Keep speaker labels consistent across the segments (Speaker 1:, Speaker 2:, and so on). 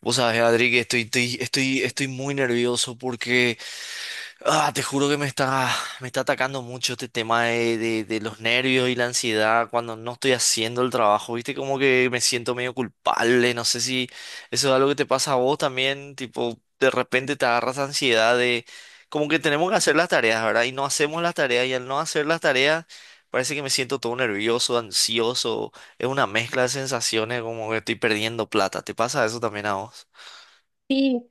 Speaker 1: Vos sabés, Adri, que estoy muy nervioso porque te juro que me está atacando mucho este tema de los nervios y la ansiedad cuando no estoy haciendo el trabajo, ¿viste? Como que me siento medio culpable, no sé si eso es algo que te pasa a vos también, tipo, de repente te agarras ansiedad de como que tenemos que hacer las tareas, ¿verdad? Y no hacemos las tareas y al no hacer las tareas parece que me siento todo nervioso, ansioso, es una mezcla de sensaciones como que estoy perdiendo plata, ¿te pasa eso también a vos?
Speaker 2: Sí,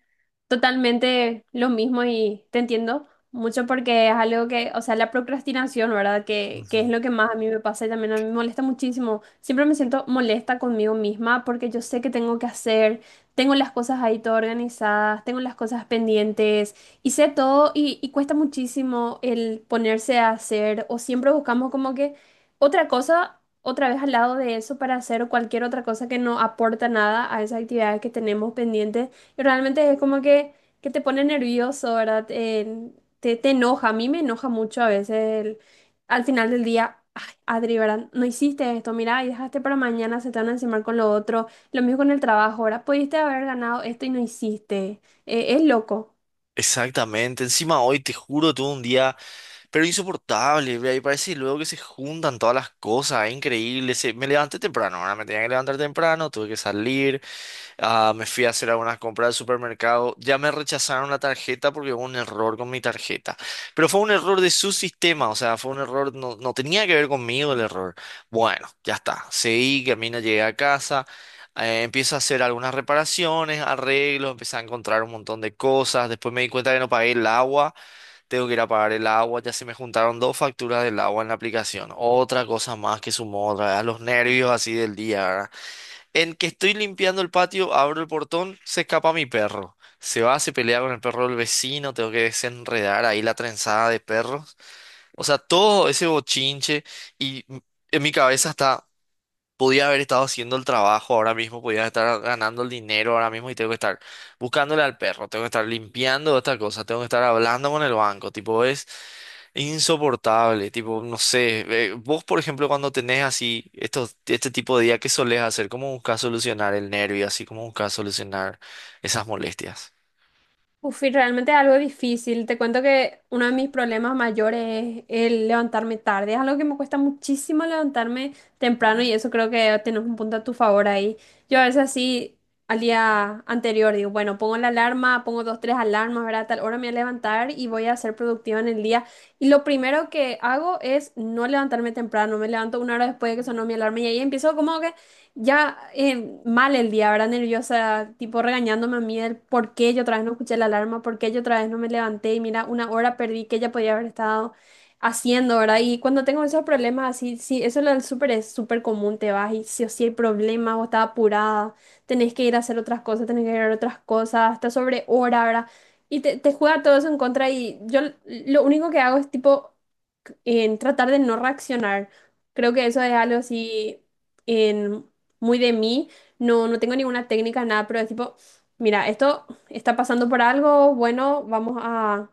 Speaker 2: totalmente lo mismo y te entiendo mucho porque es algo que, la procrastinación, ¿verdad? Que es
Speaker 1: Ujú.
Speaker 2: lo que más a mí me pasa y también a mí me molesta muchísimo. Siempre me siento molesta conmigo misma porque yo sé que tengo que hacer, tengo las cosas ahí todo organizadas, tengo las cosas pendientes y sé todo y cuesta muchísimo el ponerse a hacer o siempre buscamos como que otra cosa. Otra vez al lado de eso para hacer cualquier otra cosa que no aporta nada a esas actividades que tenemos pendientes. Y realmente es como que te pone nervioso, ¿verdad? Te, te enoja, a mí me enoja mucho a veces el- al final del día. Ay, Adri, ¿verdad? No hiciste esto, mira, y dejaste para mañana, se te van a encimar con lo otro. Lo mismo con el trabajo, ahora pudiste haber ganado esto y no hiciste. Es loco.
Speaker 1: Exactamente, encima hoy te juro tuve un día, pero insoportable, ve, y parece luego que se juntan todas las cosas, es increíble, me levanté temprano, ahora me tenía que levantar temprano, tuve que salir. Ah, me fui a hacer algunas compras al supermercado. Ya me rechazaron la tarjeta porque hubo un error con mi tarjeta. Pero fue un error de su sistema, o sea, fue un error, no, no tenía que ver conmigo el error. Bueno, ya está. Seguí, camino, llegué a casa. Empiezo a hacer algunas reparaciones, arreglos, empecé a encontrar un montón de cosas. Después me di cuenta que no pagué el agua. Tengo que ir a pagar el agua. Ya se me juntaron dos facturas del agua en la aplicación. Otra cosa más que sumó otra vez a los nervios así del día, ¿verdad? En que estoy limpiando el patio, abro el portón, se escapa mi perro. Se va, se pelea con el perro del vecino, tengo que desenredar ahí la trenzada de perros. O sea, todo ese bochinche y m- en mi cabeza está, podía haber estado haciendo el trabajo ahora mismo, podía estar ganando el dinero ahora mismo y tengo que estar buscándole al perro, tengo que estar limpiando esta cosa, tengo que estar hablando con el banco, tipo, es insoportable, tipo, no sé, vos por ejemplo cuando tenés así estos, este tipo de día, ¿qué solés hacer? ¿Cómo buscas solucionar el nervio? Así cómo buscas solucionar esas molestias.
Speaker 2: Uf, y realmente es algo difícil. Te cuento que uno de mis problemas mayores es el levantarme tarde. Es algo que me cuesta muchísimo levantarme temprano y eso creo que tienes un punto a tu favor ahí. Yo a veces así al día anterior digo, bueno, pongo la alarma, pongo dos, tres alarmas, ¿verdad? A tal hora me voy a levantar y voy a ser productiva en el día. Y lo primero que hago es no levantarme temprano. Me levanto una hora después de que sonó mi alarma y ahí empiezo como que ya mal el día, ¿verdad? Nerviosa, tipo regañándome a mí el por qué yo otra vez no escuché la alarma, por qué yo otra vez no me levanté y mira, una hora perdí que ella podía haber estado haciendo, ¿verdad? Y cuando tengo esos problemas así, sí, eso lo del súper es súper común, te vas y sí o sí hay problemas o estás apurada, tenés que ir a hacer otras cosas, tenés que ir a otras cosas, hasta sobre hora, ¿verdad? Y te juega todo eso en contra y yo lo único que hago es tipo en tratar de no reaccionar. Creo que eso es algo así en, muy de mí. No, no tengo ninguna técnica, nada, pero es tipo, mira, esto está pasando por algo, bueno, vamos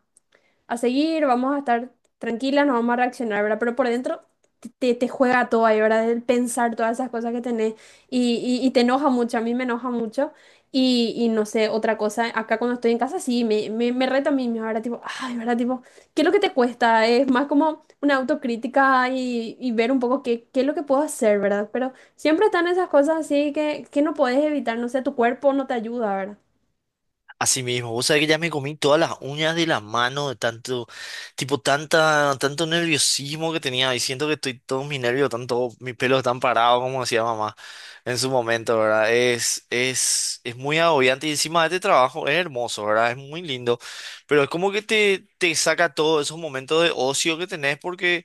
Speaker 2: a seguir, vamos a estar tranquilas, no vamos a reaccionar, ¿verdad? Pero por dentro te, te juega todo ahí, ¿verdad? El pensar todas esas cosas que tenés y te enoja mucho, a mí me enoja mucho. Y no sé, otra cosa, acá cuando estoy en casa sí, me reto a mí misma, ¿verdad? Tipo, ay, ¿verdad? Tipo, ¿qué es lo que te cuesta? Es más como una autocrítica y ver un poco qué es lo que puedo hacer, ¿verdad? Pero siempre están esas cosas así que no puedes evitar, no sé, tu cuerpo no te ayuda, ¿verdad?
Speaker 1: Así mismo, vos sabés que ya me comí todas las uñas de las manos de tanto, tipo, tanta, tanto nerviosismo que tenía y siento que estoy, todos mis nervios, tanto, mis pelos están parados, como decía mamá en su momento, ¿verdad? Es muy agobiante y encima de este trabajo es hermoso, ¿verdad? Es muy lindo, pero es como que te saca todos esos momentos de ocio que tenés porque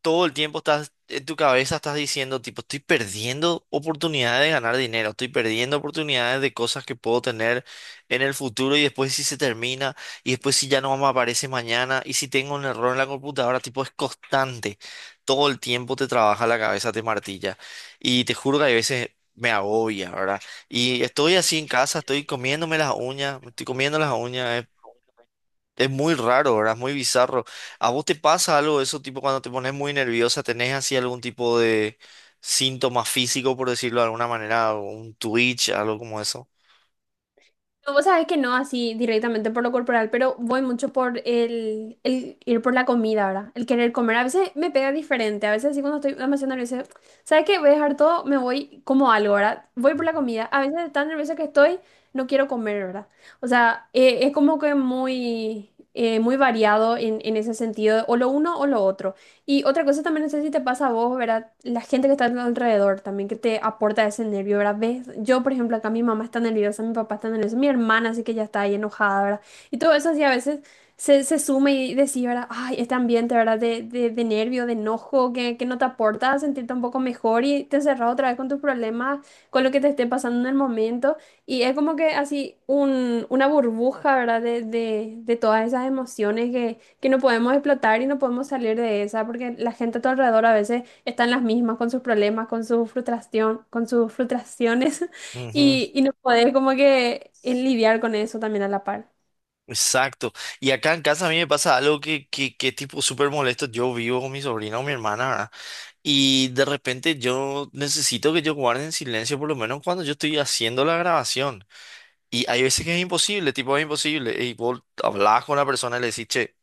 Speaker 1: todo el tiempo estás en tu cabeza, estás diciendo, tipo, estoy perdiendo oportunidades de ganar dinero, estoy perdiendo oportunidades de cosas que puedo tener en el futuro y después si se termina y después si ya no me aparece mañana y si tengo un error en la computadora, tipo, es constante. Todo el tiempo te trabaja la cabeza, te martilla y te juro que hay veces. Me agobia, ¿verdad? Y estoy así en casa, estoy comiéndome las uñas, me estoy comiendo las uñas, es muy raro, ¿verdad? Es muy bizarro. ¿A vos te pasa algo de eso, tipo cuando te pones muy nerviosa, tenés así algún tipo de síntoma físico, por decirlo de alguna manera, o un twitch, algo como eso?
Speaker 2: No, vos sabés que no así directamente por lo corporal, pero voy mucho por el ir por la comida, ¿verdad? El querer comer. A veces me pega diferente, a veces así cuando estoy demasiado nerviosa, ¿sabes qué? Voy a dejar todo, me voy como algo, ¿verdad? Voy por la comida. A veces tan nerviosa que estoy, no quiero comer, ¿verdad? O sea, es como que muy, muy variado en ese sentido, o lo uno o lo otro. Y otra cosa también, no sé si te pasa a vos, ¿verdad? La gente que está a tu alrededor también que te aporta ese nervio, ¿verdad? ¿Ves? Yo, por ejemplo, acá mi mamá está nerviosa, mi papá está nervioso, mi hermana así que ya está ahí enojada, ¿verdad? Y todo eso así a veces se suma y decís, ¿verdad? Ay, este ambiente, ¿verdad? De nervio, de enojo, que no te aporta a sentirte un poco mejor y te encerras otra vez con tus problemas, con lo que te esté pasando en el momento. Y es como que así una burbuja, ¿verdad? De todas esas emociones que no podemos explotar y no podemos salir de esa, porque la gente a tu alrededor a veces está en las mismas con sus problemas, con su frustración, con sus frustraciones
Speaker 1: Ujú.
Speaker 2: y no podés como que lidiar con eso también a la par.
Speaker 1: Exacto. Y acá en casa a mí me pasa algo que es tipo súper molesto. Yo vivo con mi sobrina o mi hermana, ¿verdad? Y de repente yo necesito que ellos guarden silencio, por lo menos cuando yo estoy haciendo la grabación. Y hay veces que es imposible, tipo es imposible. Y vos hablás con la persona y le decís, che.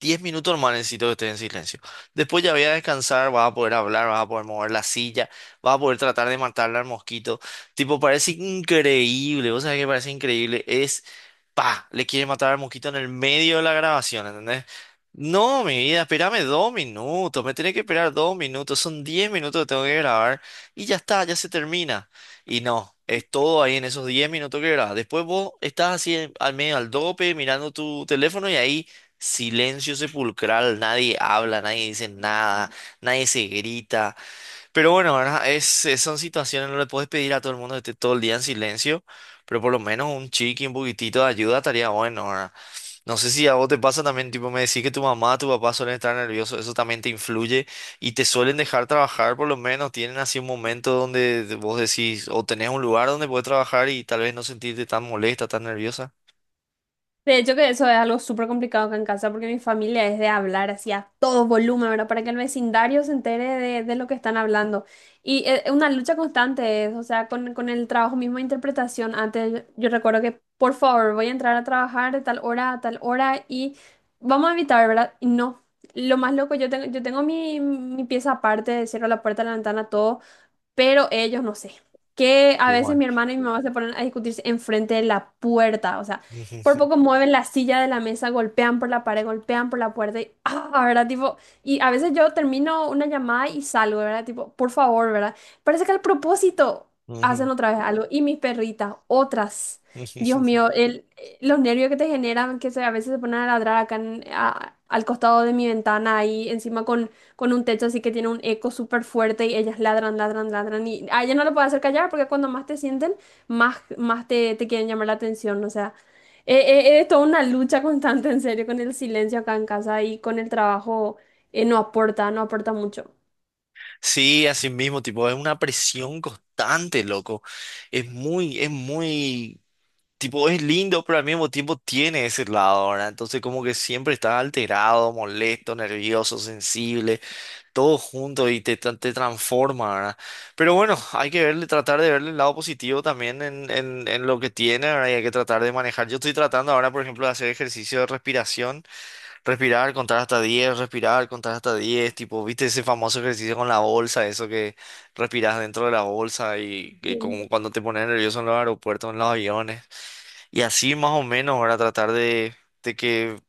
Speaker 1: 10 minutos nomás necesito que estés en silencio. Después ya voy a descansar, vas a poder hablar, vas a poder mover la silla, vas a poder tratar de matarle al mosquito. Tipo, parece increíble, vos sabés que parece increíble. Es le quiere matar al mosquito en el medio de la grabación, ¿entendés? No, mi vida, espérame 2 minutos, me tenés que esperar 2 minutos, son 10 minutos que tengo que grabar y ya está, ya se termina. Y no, es todo ahí en esos 10 minutos que grabas. Después vos estás así al medio, al dope, mirando tu teléfono y ahí silencio sepulcral, nadie habla, nadie dice nada, nadie se grita, pero bueno, ¿verdad? Son situaciones, no le puedes pedir a todo el mundo que esté todo el día en silencio, pero por lo menos un chiqui, un poquitito de ayuda estaría bueno, ¿verdad? No sé si a vos te pasa también, tipo, me decís que tu mamá, tu papá suelen estar nerviosos, eso también te influye y te suelen dejar trabajar, por lo menos tienen así un momento donde vos decís, o tenés un lugar donde puedes trabajar y tal vez no sentirte tan molesta, tan nerviosa.
Speaker 2: De hecho que eso es algo súper complicado acá en casa porque mi familia es de hablar así a todo volumen, ¿verdad? Para que el vecindario se entere de lo que están hablando. Y es una lucha constante, es, o sea, con el trabajo mismo de interpretación. Antes yo recuerdo que, por favor, voy a entrar a trabajar de tal hora a tal hora y vamos a evitar, ¿verdad? Y no. Lo más loco, yo tengo mi pieza aparte, cierro la puerta, la ventana, todo, pero ellos no sé. Que a veces
Speaker 1: Igual.
Speaker 2: mi hermana y mi mamá se ponen a discutirse enfrente de la puerta, o sea, por poco mueven la silla de la mesa, golpean por la pared, golpean por la puerta y, ah, ¿verdad? Tipo, y a veces yo termino una llamada y salgo, ¿verdad? Tipo, por favor, ¿verdad? Parece que al propósito
Speaker 1: Ujú,
Speaker 2: hacen
Speaker 1: ujú.
Speaker 2: otra vez algo. Y mis perritas, otras. Dios
Speaker 1: Ujú.
Speaker 2: mío, el, los nervios que te generan, que se, a veces se ponen a ladrar acá al costado de mi ventana, ahí encima con un techo así que tiene un eco súper fuerte y ellas ladran, ladran, ladran. Y a ellas no lo puedes hacer callar porque cuando más te sienten, más, más te, te quieren llamar la atención. O sea, eh, es toda una lucha constante, en serio, con el silencio acá en casa y con el trabajo, no aporta, no aporta mucho.
Speaker 1: Sí, así mismo, tipo, es una presión constante, loco. Es muy tipo, es lindo, pero al mismo tiempo tiene ese lado, ¿verdad? Entonces como que siempre estás alterado, molesto, nervioso, sensible, todo junto y te transforma, ¿verdad? Pero bueno, hay que verle, tratar de verle el lado positivo también en lo que tiene, ¿verdad? Y hay que tratar de manejar. Yo estoy tratando ahora, por ejemplo, de hacer ejercicio de respiración, respirar, contar hasta 10, respirar, contar hasta 10. Tipo, ¿viste ese famoso ejercicio con la bolsa, eso que respiras dentro de la bolsa y que
Speaker 2: Sí.
Speaker 1: como cuando te pones nervioso en los aeropuertos, en los aviones? Y así más o menos, ahora tratar de que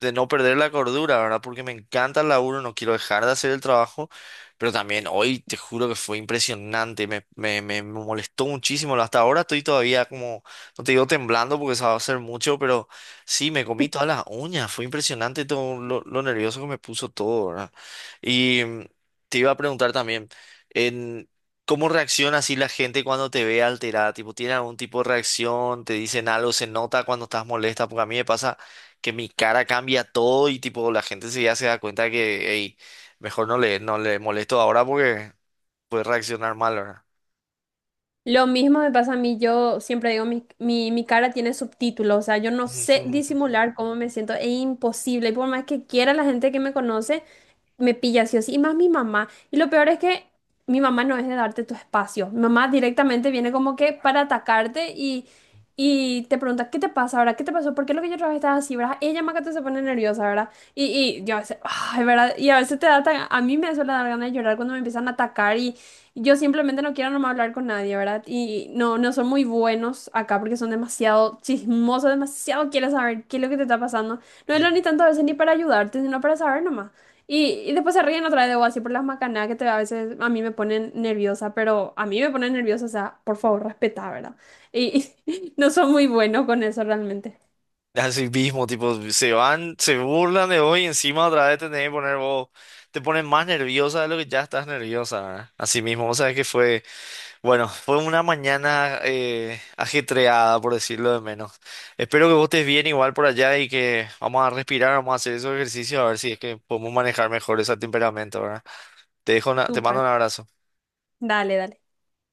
Speaker 1: de no perder la cordura, ¿verdad? Porque me encanta el laburo, no quiero dejar de hacer el trabajo, pero también hoy te juro que fue impresionante, me molestó muchísimo, hasta ahora estoy todavía como, no te digo temblando porque se va a hacer mucho, pero sí, me comí todas las uñas, fue impresionante todo lo nervioso que me puso todo, ¿verdad? Y te iba a preguntar también, en... ¿Cómo reacciona así la gente cuando te ve alterada? Tipo, ¿tiene algún tipo de reacción? ¿Te dicen algo? ¿Se nota cuando estás molesta? Porque a mí me pasa que mi cara cambia todo y tipo la gente se ya se da cuenta que, hey, mejor no le molesto ahora porque puede reaccionar mal, ¿verdad?
Speaker 2: Lo mismo me pasa a mí, yo siempre digo, mi cara tiene subtítulos, o sea, yo no sé disimular cómo me siento, es imposible, y por más que quiera la gente que me conoce, me pilla sí o sí, y más mi mamá. Y lo peor es que mi mamá no es de darte tu espacio. Mi mamá directamente viene como que para atacarte y te pregunta, ¿qué te pasa ahora? ¿Qué te pasó? ¿Por qué lo que yo otra vez estaba así, verdad? Ella más que todo se pone nerviosa, ¿verdad? Y, y yo a veces, ay, ¿verdad? Y a veces a mí me suele dar ganas de llorar cuando me empiezan a atacar y yo simplemente no quiero nomás hablar con nadie, ¿verdad? Y no, no son muy buenos acá porque son demasiado chismosos, demasiado quieren saber qué es lo que te está pasando. No es lo ni tanto a veces ni para ayudarte, sino para saber nomás. Y después se ríen otra vez de vos, así por las macanadas que te, a veces a mí me ponen nerviosa, pero a mí me ponen nerviosa, o sea, por favor, respetá, ¿verdad? Y y no son muy buenos con eso realmente.
Speaker 1: Así mismo, tipo, se van, se burlan de hoy y encima otra vez te tenés que poner vos, te pones más nerviosa de lo que ya estás nerviosa, ¿verdad? Así mismo, vos sabés que fue, bueno, fue una mañana ajetreada, por decirlo de menos. Espero que vos estés bien igual por allá y que vamos a respirar, vamos a hacer esos ejercicios a ver si es que podemos manejar mejor ese temperamento, ¿verdad? Te dejo te mando
Speaker 2: Súper.
Speaker 1: un abrazo.
Speaker 2: Dale, dale.